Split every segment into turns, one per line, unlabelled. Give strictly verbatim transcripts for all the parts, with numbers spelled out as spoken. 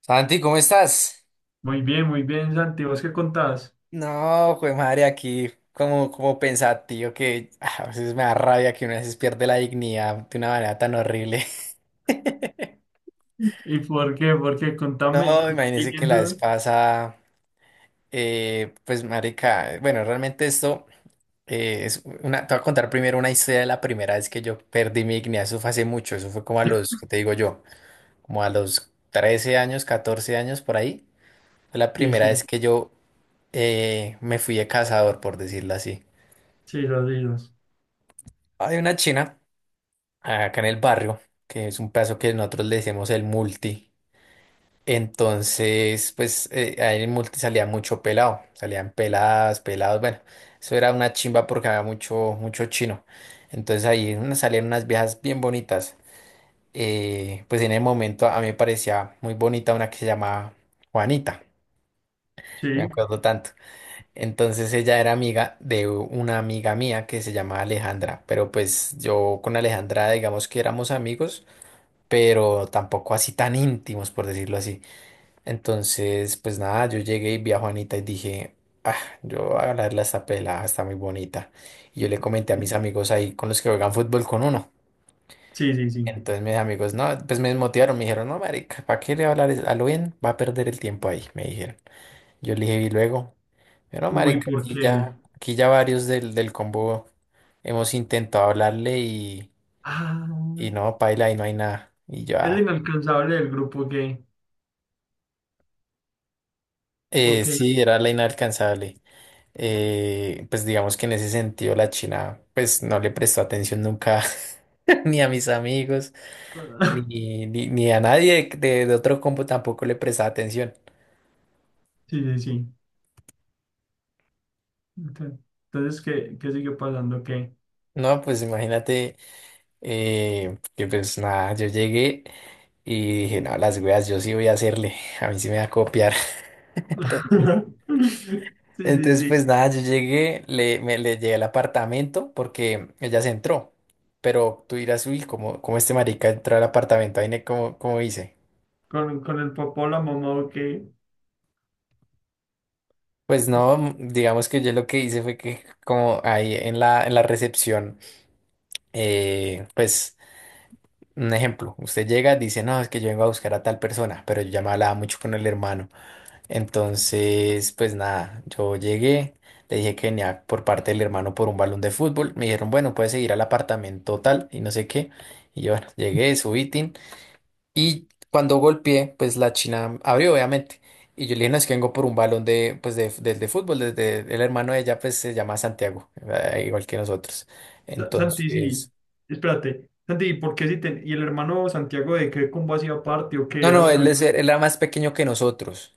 Santi, ¿cómo estás?
Muy bien, muy bien, Santi. ¿Vos qué contás?
No, jue madre, aquí como, como pensativo que ah, a veces me da rabia que una vez pierde la dignidad de una manera tan horrible.
¿Y por qué? ¿Por qué? Contame.
No,
Cu-
imagínese que la vez
siguiendo...
pasa, eh, pues marica, bueno, realmente esto eh, es una, te voy a contar primero una historia de la primera vez que yo perdí mi dignidad, eso fue hace mucho, eso fue como a los, ¿qué te digo yo? Como a los trece años, catorce años por ahí, fue la
Sí,
primera, Sí.
sí,
vez que yo eh, me fui de cazador, por decirlo así.
sí, los islas.
Hay una china acá en el barrio, que es un pedazo que nosotros le decimos el multi. Entonces, pues eh, ahí en el multi salía mucho pelado, salían peladas, pelados, bueno, eso era una chimba porque había mucho, mucho chino. Entonces ahí una- salían unas viejas bien bonitas. Eh, pues en el momento a mí me parecía muy bonita una que se llamaba Juanita,
Sí,
me acuerdo tanto. Entonces ella era amiga de una amiga mía que se llamaba Alejandra, pero pues yo con Alejandra digamos que éramos amigos pero tampoco así tan íntimos, por decirlo así. Entonces, pues nada, yo llegué y vi a Juanita y dije, ah, yo voy a hablarle a esta pelada, está muy bonita. Y yo le comenté a mis
sí,
amigos ahí con los que juegan fútbol con uno.
sí, sí. sí.
Entonces mis amigos, no, pues me desmotivaron, me dijeron, no, marica, ¿para qué le va a hablar a lo bien? Va a perder el tiempo ahí, me dijeron. Yo le dije, y luego, pero
Uy,
marica,
¿por
aquí
qué?
ya, aquí ya varios del, del combo hemos intentado hablarle y,
Ah,
y no, paila, ahí no hay nada. Y
el
ya,
inalcanzable del grupo gay. ¿O
eh,
qué?
sí, era la inalcanzable. Eh, pues digamos que en ese sentido la China pues no le prestó atención nunca ni a mis amigos ni, ni, ni a nadie de, de otro combo tampoco le prestaba atención.
Sí, sí, sí. Ok. Entonces, ¿qué, qué sigue pasando? ¿Qué?
No, pues imagínate eh, que pues nada, yo llegué y dije, no, las weas yo sí voy a hacerle, a mí sí me va a copiar. Entonces,
Sí, sí,
entonces,
sí.
pues nada, yo llegué, le, me, le llegué al apartamento porque ella se entró, pero tú dirás, uy, como, como este marica entró al apartamento, ahí ne- como, como dice.
¿Con, con el papá o la mamá o qué?
Pues no, digamos que yo lo que hice fue que como ahí en la, en la recepción, eh, pues un ejemplo, usted llega, dice, no, es que yo vengo a buscar a tal persona, pero yo ya me hablaba mucho con el hermano. Entonces, pues nada, yo llegué, le dije que venía por parte del hermano por un balón de fútbol, me dijeron, bueno, puedes seguir al apartamento tal y no sé qué. Y yo, bueno, llegué, subí, tin, y cuando golpeé, pues la china abrió, obviamente. Y yo le dije, no, es que vengo por un balón de, pues de, del de fútbol, desde el hermano de ella, pues se llama Santiago, eh, igual que nosotros.
Sa- Santi, sí,
Entonces,
espérate. Santi, ¿y ¿por qué si te...? ¿Y el hermano Santiago de qué combo hacía parte o qué
no,
era
no,
amigo?
él,
de-
es- él era más pequeño que nosotros.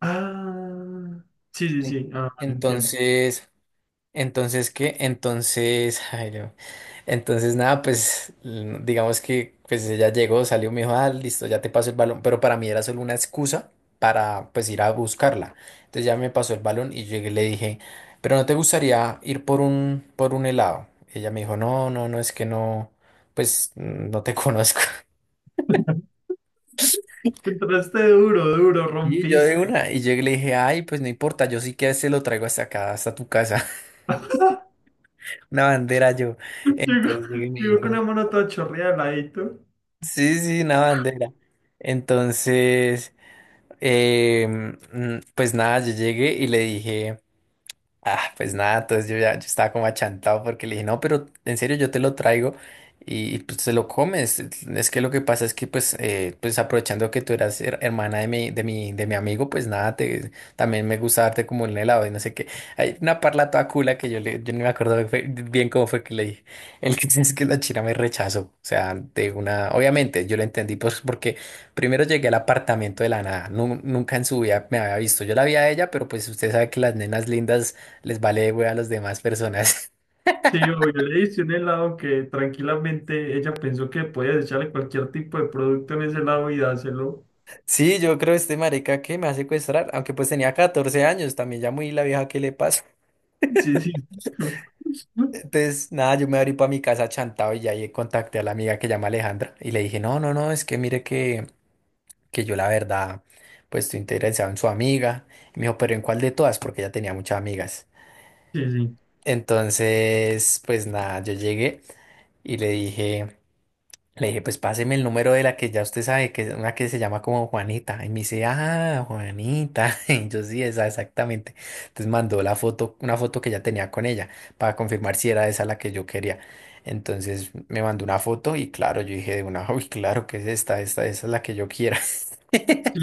Ah, sí, sí,
En-
sí, ah, vale, entiendo.
Entonces, Entonces, ¿qué? Entonces, Jairo, entonces nada, pues l- digamos que pues ella llegó, salió, me dijo, ah, listo, ya te paso el balón, pero para mí era solo una excusa para pues ir a buscarla. Entonces ya me pasó el balón y llegué y le dije, pero ¿no te gustaría ir por un, por un helado? Ella me dijo, no, no, no, es que no, pues mm, no te conozco.
Entraste duro, duro,
Y yo de
rompiste.
una, y llegué y le dije, ay, pues no importa, yo sí que se lo traigo hasta acá, hasta tu casa, una bandera yo.
Llegó,
Entonces llegué y me
llegó con
dice.
una mano toda chorreada al ladito.
Sí, sí, una bandera. Entonces, em, mm, pues nada, yo llegué y le dije. Ah, pues nada, entonces yo ya yo estaba como achantado porque le dije, no, pero en serio yo te lo traigo y, y, pues te lo comes. Es que lo que pasa es que pues, eh, pues aprovechando que tú eras her- hermana de mi, de mi, de mi amigo, pues nada, te, también me gusta darte como un helado y no sé qué. Hay una parla toda cula que yo, le, yo no me acuerdo de- fue- bien cómo fue que le dije. El que es que la china me rechazó. O sea, de una, obviamente yo lo entendí pues porque primero llegué al apartamento de la nada. Nu- nunca en su vida me había visto. Yo la vi a ella, pero pues usted sabe que las nenas lindas les vale güey a las demás personas.
Sí, yo le hice un helado que tranquilamente ella pensó que podía echarle cualquier tipo de producto en ese helado y dárselo.
Sí, yo creo este marica que me va a secuestrar, aunque pues tenía catorce años, también ya muy la vieja que le pasa.
Sí, sí.
Entonces, nada, yo me abrí para mi casa chantado y ya ahí contacté a la amiga que llama Alejandra y le dije, no, no, no, es que mire que, que yo la verdad, pues estoy interesado en su amiga. Y me dijo, pero ¿en cuál de todas? Porque ella tenía muchas amigas.
Sí, sí.
Entonces, pues nada, yo llegué y le dije. Le dije, pues páseme el número de la que ya usted sabe, que es una que se llama como Juanita. Y me dice, ah, Juanita. Y yo sí, esa exactamente. Entonces mandó la foto, una foto que ya tenía con ella, para confirmar si era esa la que yo quería. Entonces me mandó una foto y claro, yo dije de una, uy, claro que es esta, esta, esa es la que yo quiera.
Sí,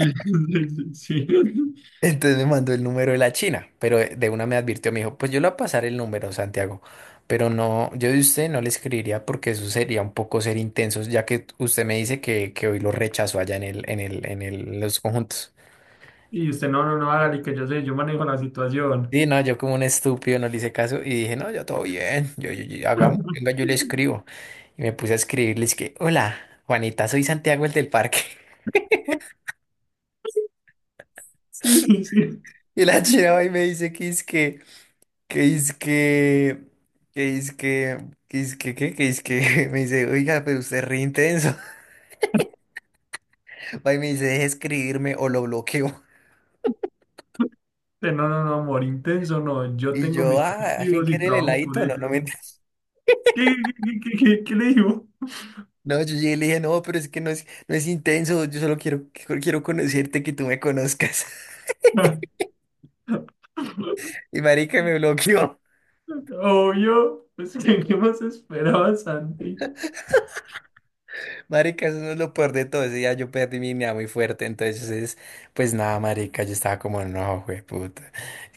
sí, sí. sí.
Entonces me mandó el número de la China, pero de una me advirtió, me dijo, pues yo le voy a pasar el número, Santiago, pero no, yo de usted no le escribiría porque eso sería un poco ser intensos, ya que usted me dice que, que hoy lo rechazó allá en el, en el, en el, en los conjuntos.
Y usted, no, no, no, hágale, que yo sé, yo manejo la situación.
Sí, no, yo como un estúpido no le hice caso y dije, no, yo todo bien, yo, yo, yo- hagamos, venga, yo le escribo. Y me puse a escribirle, es que, hola, Juanita, soy Santiago el del parque.
Sí, sí, sí.
Y la China va y me dice que es que... Que es que, que es que, que es que, ¿qué? Que es que, me dice, oiga, pero usted es re intenso. Va y me dice, deje de escribirme o lo bloqueo.
Usted, no, no, no, amor, intenso, no, yo
Y
tengo
yo,
mis
ah, al fin
objetivos y
quiere el
trabajo por
heladito, no, no
ellos.
me entiendes.
¿Qué, qué, qué, qué, qué- qué le digo?
No, yo llegué y le dije, no, pero es que no es, no es intenso, yo solo quiero, quiero quiero conocerte, que tú me conozcas. Y marica me bloqueó.
Obvio, pues, ¿qué, qué más esperaba, Santi?
Marica, eso no es lo peor de todo. Ese día yo perdí mi dignidad muy fuerte. Entonces, pues nada, marica, yo estaba como, no, puta,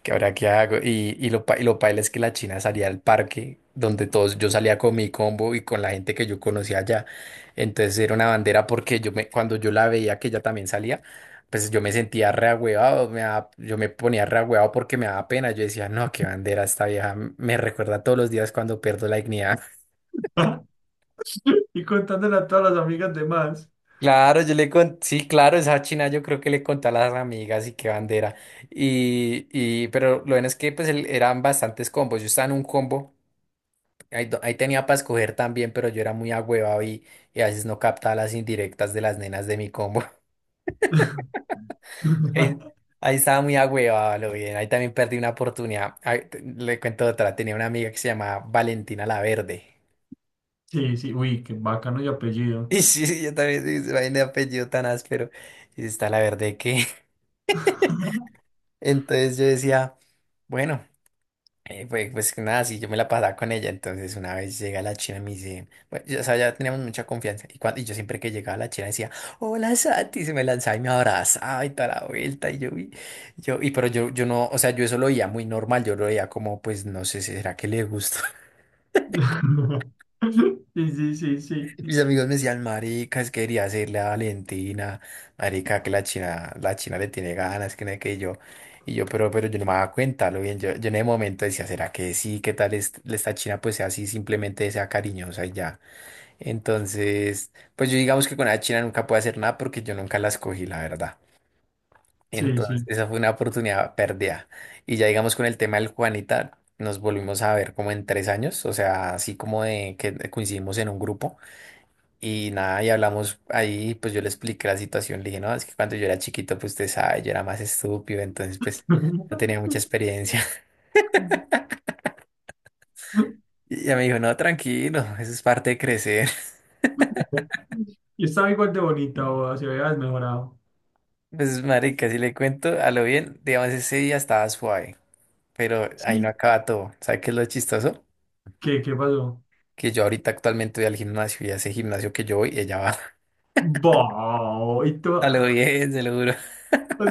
¿qué ahora qué hago? Y, y lo, pa- y lo paila es que la China salía al parque donde todos, yo salía con mi combo y con la gente que yo conocía allá. Entonces era una bandera porque yo me, cuando yo la veía que ella también salía, pues yo me sentía reagüeado, me daba- yo me ponía reagüeado porque me daba pena. Yo decía, no, qué bandera esta vieja, me recuerda todos los días cuando pierdo la dignidad.
Y contándole a todas las amigas de más.
Claro, yo le con, sí, claro, esa china yo creo que le conté a las amigas y qué bandera. Y, y, pero lo bueno es que pues el- eran bastantes combos. Yo estaba en un combo, ahí, do- ahí tenía para escoger también, pero yo era muy agüevado y, y a veces no captaba las indirectas de las nenas de mi combo. Ahí, ahí estaba muy agüevado, lo bien. Ahí también perdí una oportunidad. Ahí te- le cuento otra, tenía una amiga que se llamaba Valentina La Verde.
Sí, sí, uy, qué bacano y apellido.
Y sí, sí, yo también, sí, vaina de apellido tan áspero. Y está La Verde que. Entonces yo decía. Bueno. Eh, pues, pues nada, sí, yo me la pasaba con ella, entonces una vez llega la china y me dice, bueno, ya, o sea, ya teníamos mucha confianza, y, cuando, y yo siempre que llegaba la china decía, hola Santi, y se me lanzaba y me abrazaba y toda la vuelta, y yo, y, yo, y pero yo, yo no, o sea, yo eso lo veía muy normal, yo lo veía como, pues no sé, ¿será que le gusta?
Sí, sí, sí, sí,
Mis amigos me decían, marica, es que quería hacerle a Valentina, marica, que la China, la China le tiene ganas, que no sé qué, y yo, y yo, pero, pero yo no me daba cuenta, lo bien, yo, yo en el momento decía, ¿será que sí? ¿Qué tal es- esta China? Pues sea así, simplemente sea cariñosa y ya. Entonces, pues yo digamos que con la China nunca puedo hacer nada porque yo nunca la escogí, la verdad.
sí,
Entonces,
sí.
esa fue una oportunidad perdida. Y ya digamos con el tema del Juanita, nos volvimos a ver como en tres años, o sea, así como de que coincidimos en un grupo. Y nada, y hablamos ahí, pues yo le expliqué la situación, le dije, no, es que cuando yo era chiquito, pues usted sabe, yo era más estúpido, entonces pues no tenía mucha experiencia. Y ella me dijo, no, tranquilo, eso es parte de crecer.
Y estaba igual de bonita, o se había desmejorado.
Pues marica, si le cuento a lo bien, digamos, ese día estaba suave, pero ahí no
Sí.
acaba todo. ¿Sabe qué es lo chistoso?
¿Qué, qué pasó?
Que yo ahorita actualmente voy al gimnasio y a ese gimnasio que yo voy, ella va.
Bo, y tú,
A
o
lo bien, se lo juro.
sea,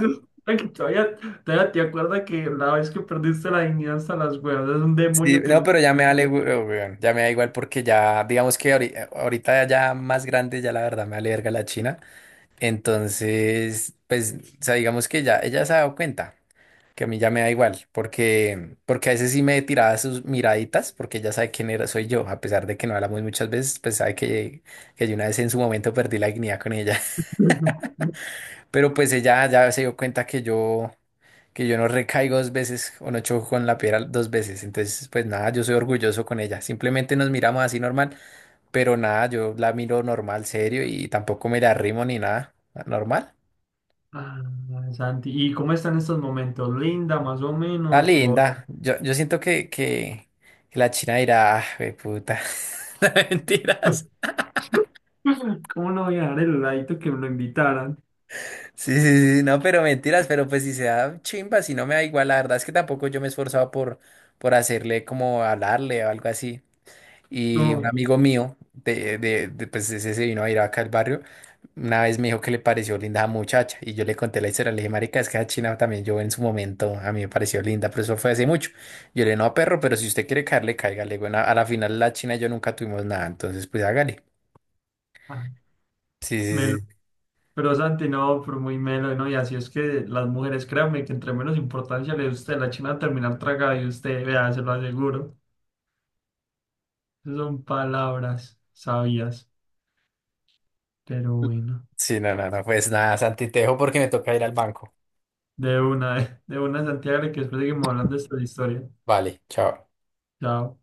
ay, que todavía, todavía te acuerdas que la vez que perdiste la dignidad hasta las huevas, es un
Sí,
demonio que
no,
nunca.
pero ya me vale, hue- weón, ya me da igual porque ya, digamos que ahori- ahorita ya más grande, ya la verdad me vale verga la China. Entonces, pues, o sea, digamos que ya ella se ha dado cuenta que a mí ya me da igual, porque, porque a veces sí me tiraba sus miraditas, porque ella sabe quién era, soy yo, a pesar de que no hablamos muchas veces, pues sabe que, que yo una vez en su momento perdí la dignidad con ella, pero pues ella ya se dio cuenta que yo, que yo no recaigo dos veces o no choco con la piedra dos veces, entonces, pues nada, yo soy orgulloso con ella, simplemente nos miramos así normal, pero nada, yo la miro normal, serio, y tampoco me la arrimo ni nada, normal.
Ah, Santi, ¿y cómo están estos momentos? ¿Linda, más o
Está
menos? ¿O...
linda. Yo, yo siento que, que, que la China dirá, ah, güey, puta. no, Mentiras.
¿Cómo no voy a dejar el heladito que me lo invitaran?
Sí, sí, sí, no, pero mentiras, pero pues si se da chimba, si no me da igual, la verdad es que tampoco yo me he esforzado por, por hacerle como hablarle o algo así. Y un
No,
amigo mío, de, de, de, pues ese se vino a ir acá al barrio, una vez me dijo que le pareció linda a muchacha. Y yo le conté la historia, le dije, marica, es que a China también yo en su momento, a mí me pareció linda, pero eso fue hace mucho. Yo le dije, no, perro, pero si usted quiere caerle, cáigale. Bueno, a la final la China y yo nunca tuvimos nada, entonces pues hágale.
ah,
Sí,
me
sí,
lo...
sí.
Pero Santi, no, pero muy melo, ¿no? Y así es que las mujeres, créanme, que entre menos importancia le dé usted, la china va a terminar tragada y usted, vea, se lo aseguro. Esas son palabras sabias, pero bueno.
Sí, no, no, no, pues nada, Santi, te dejo porque me toca ir al banco.
De una, de una, Santiago, que después seguimos hablando de esta historia.
Vale, chao.
Chao.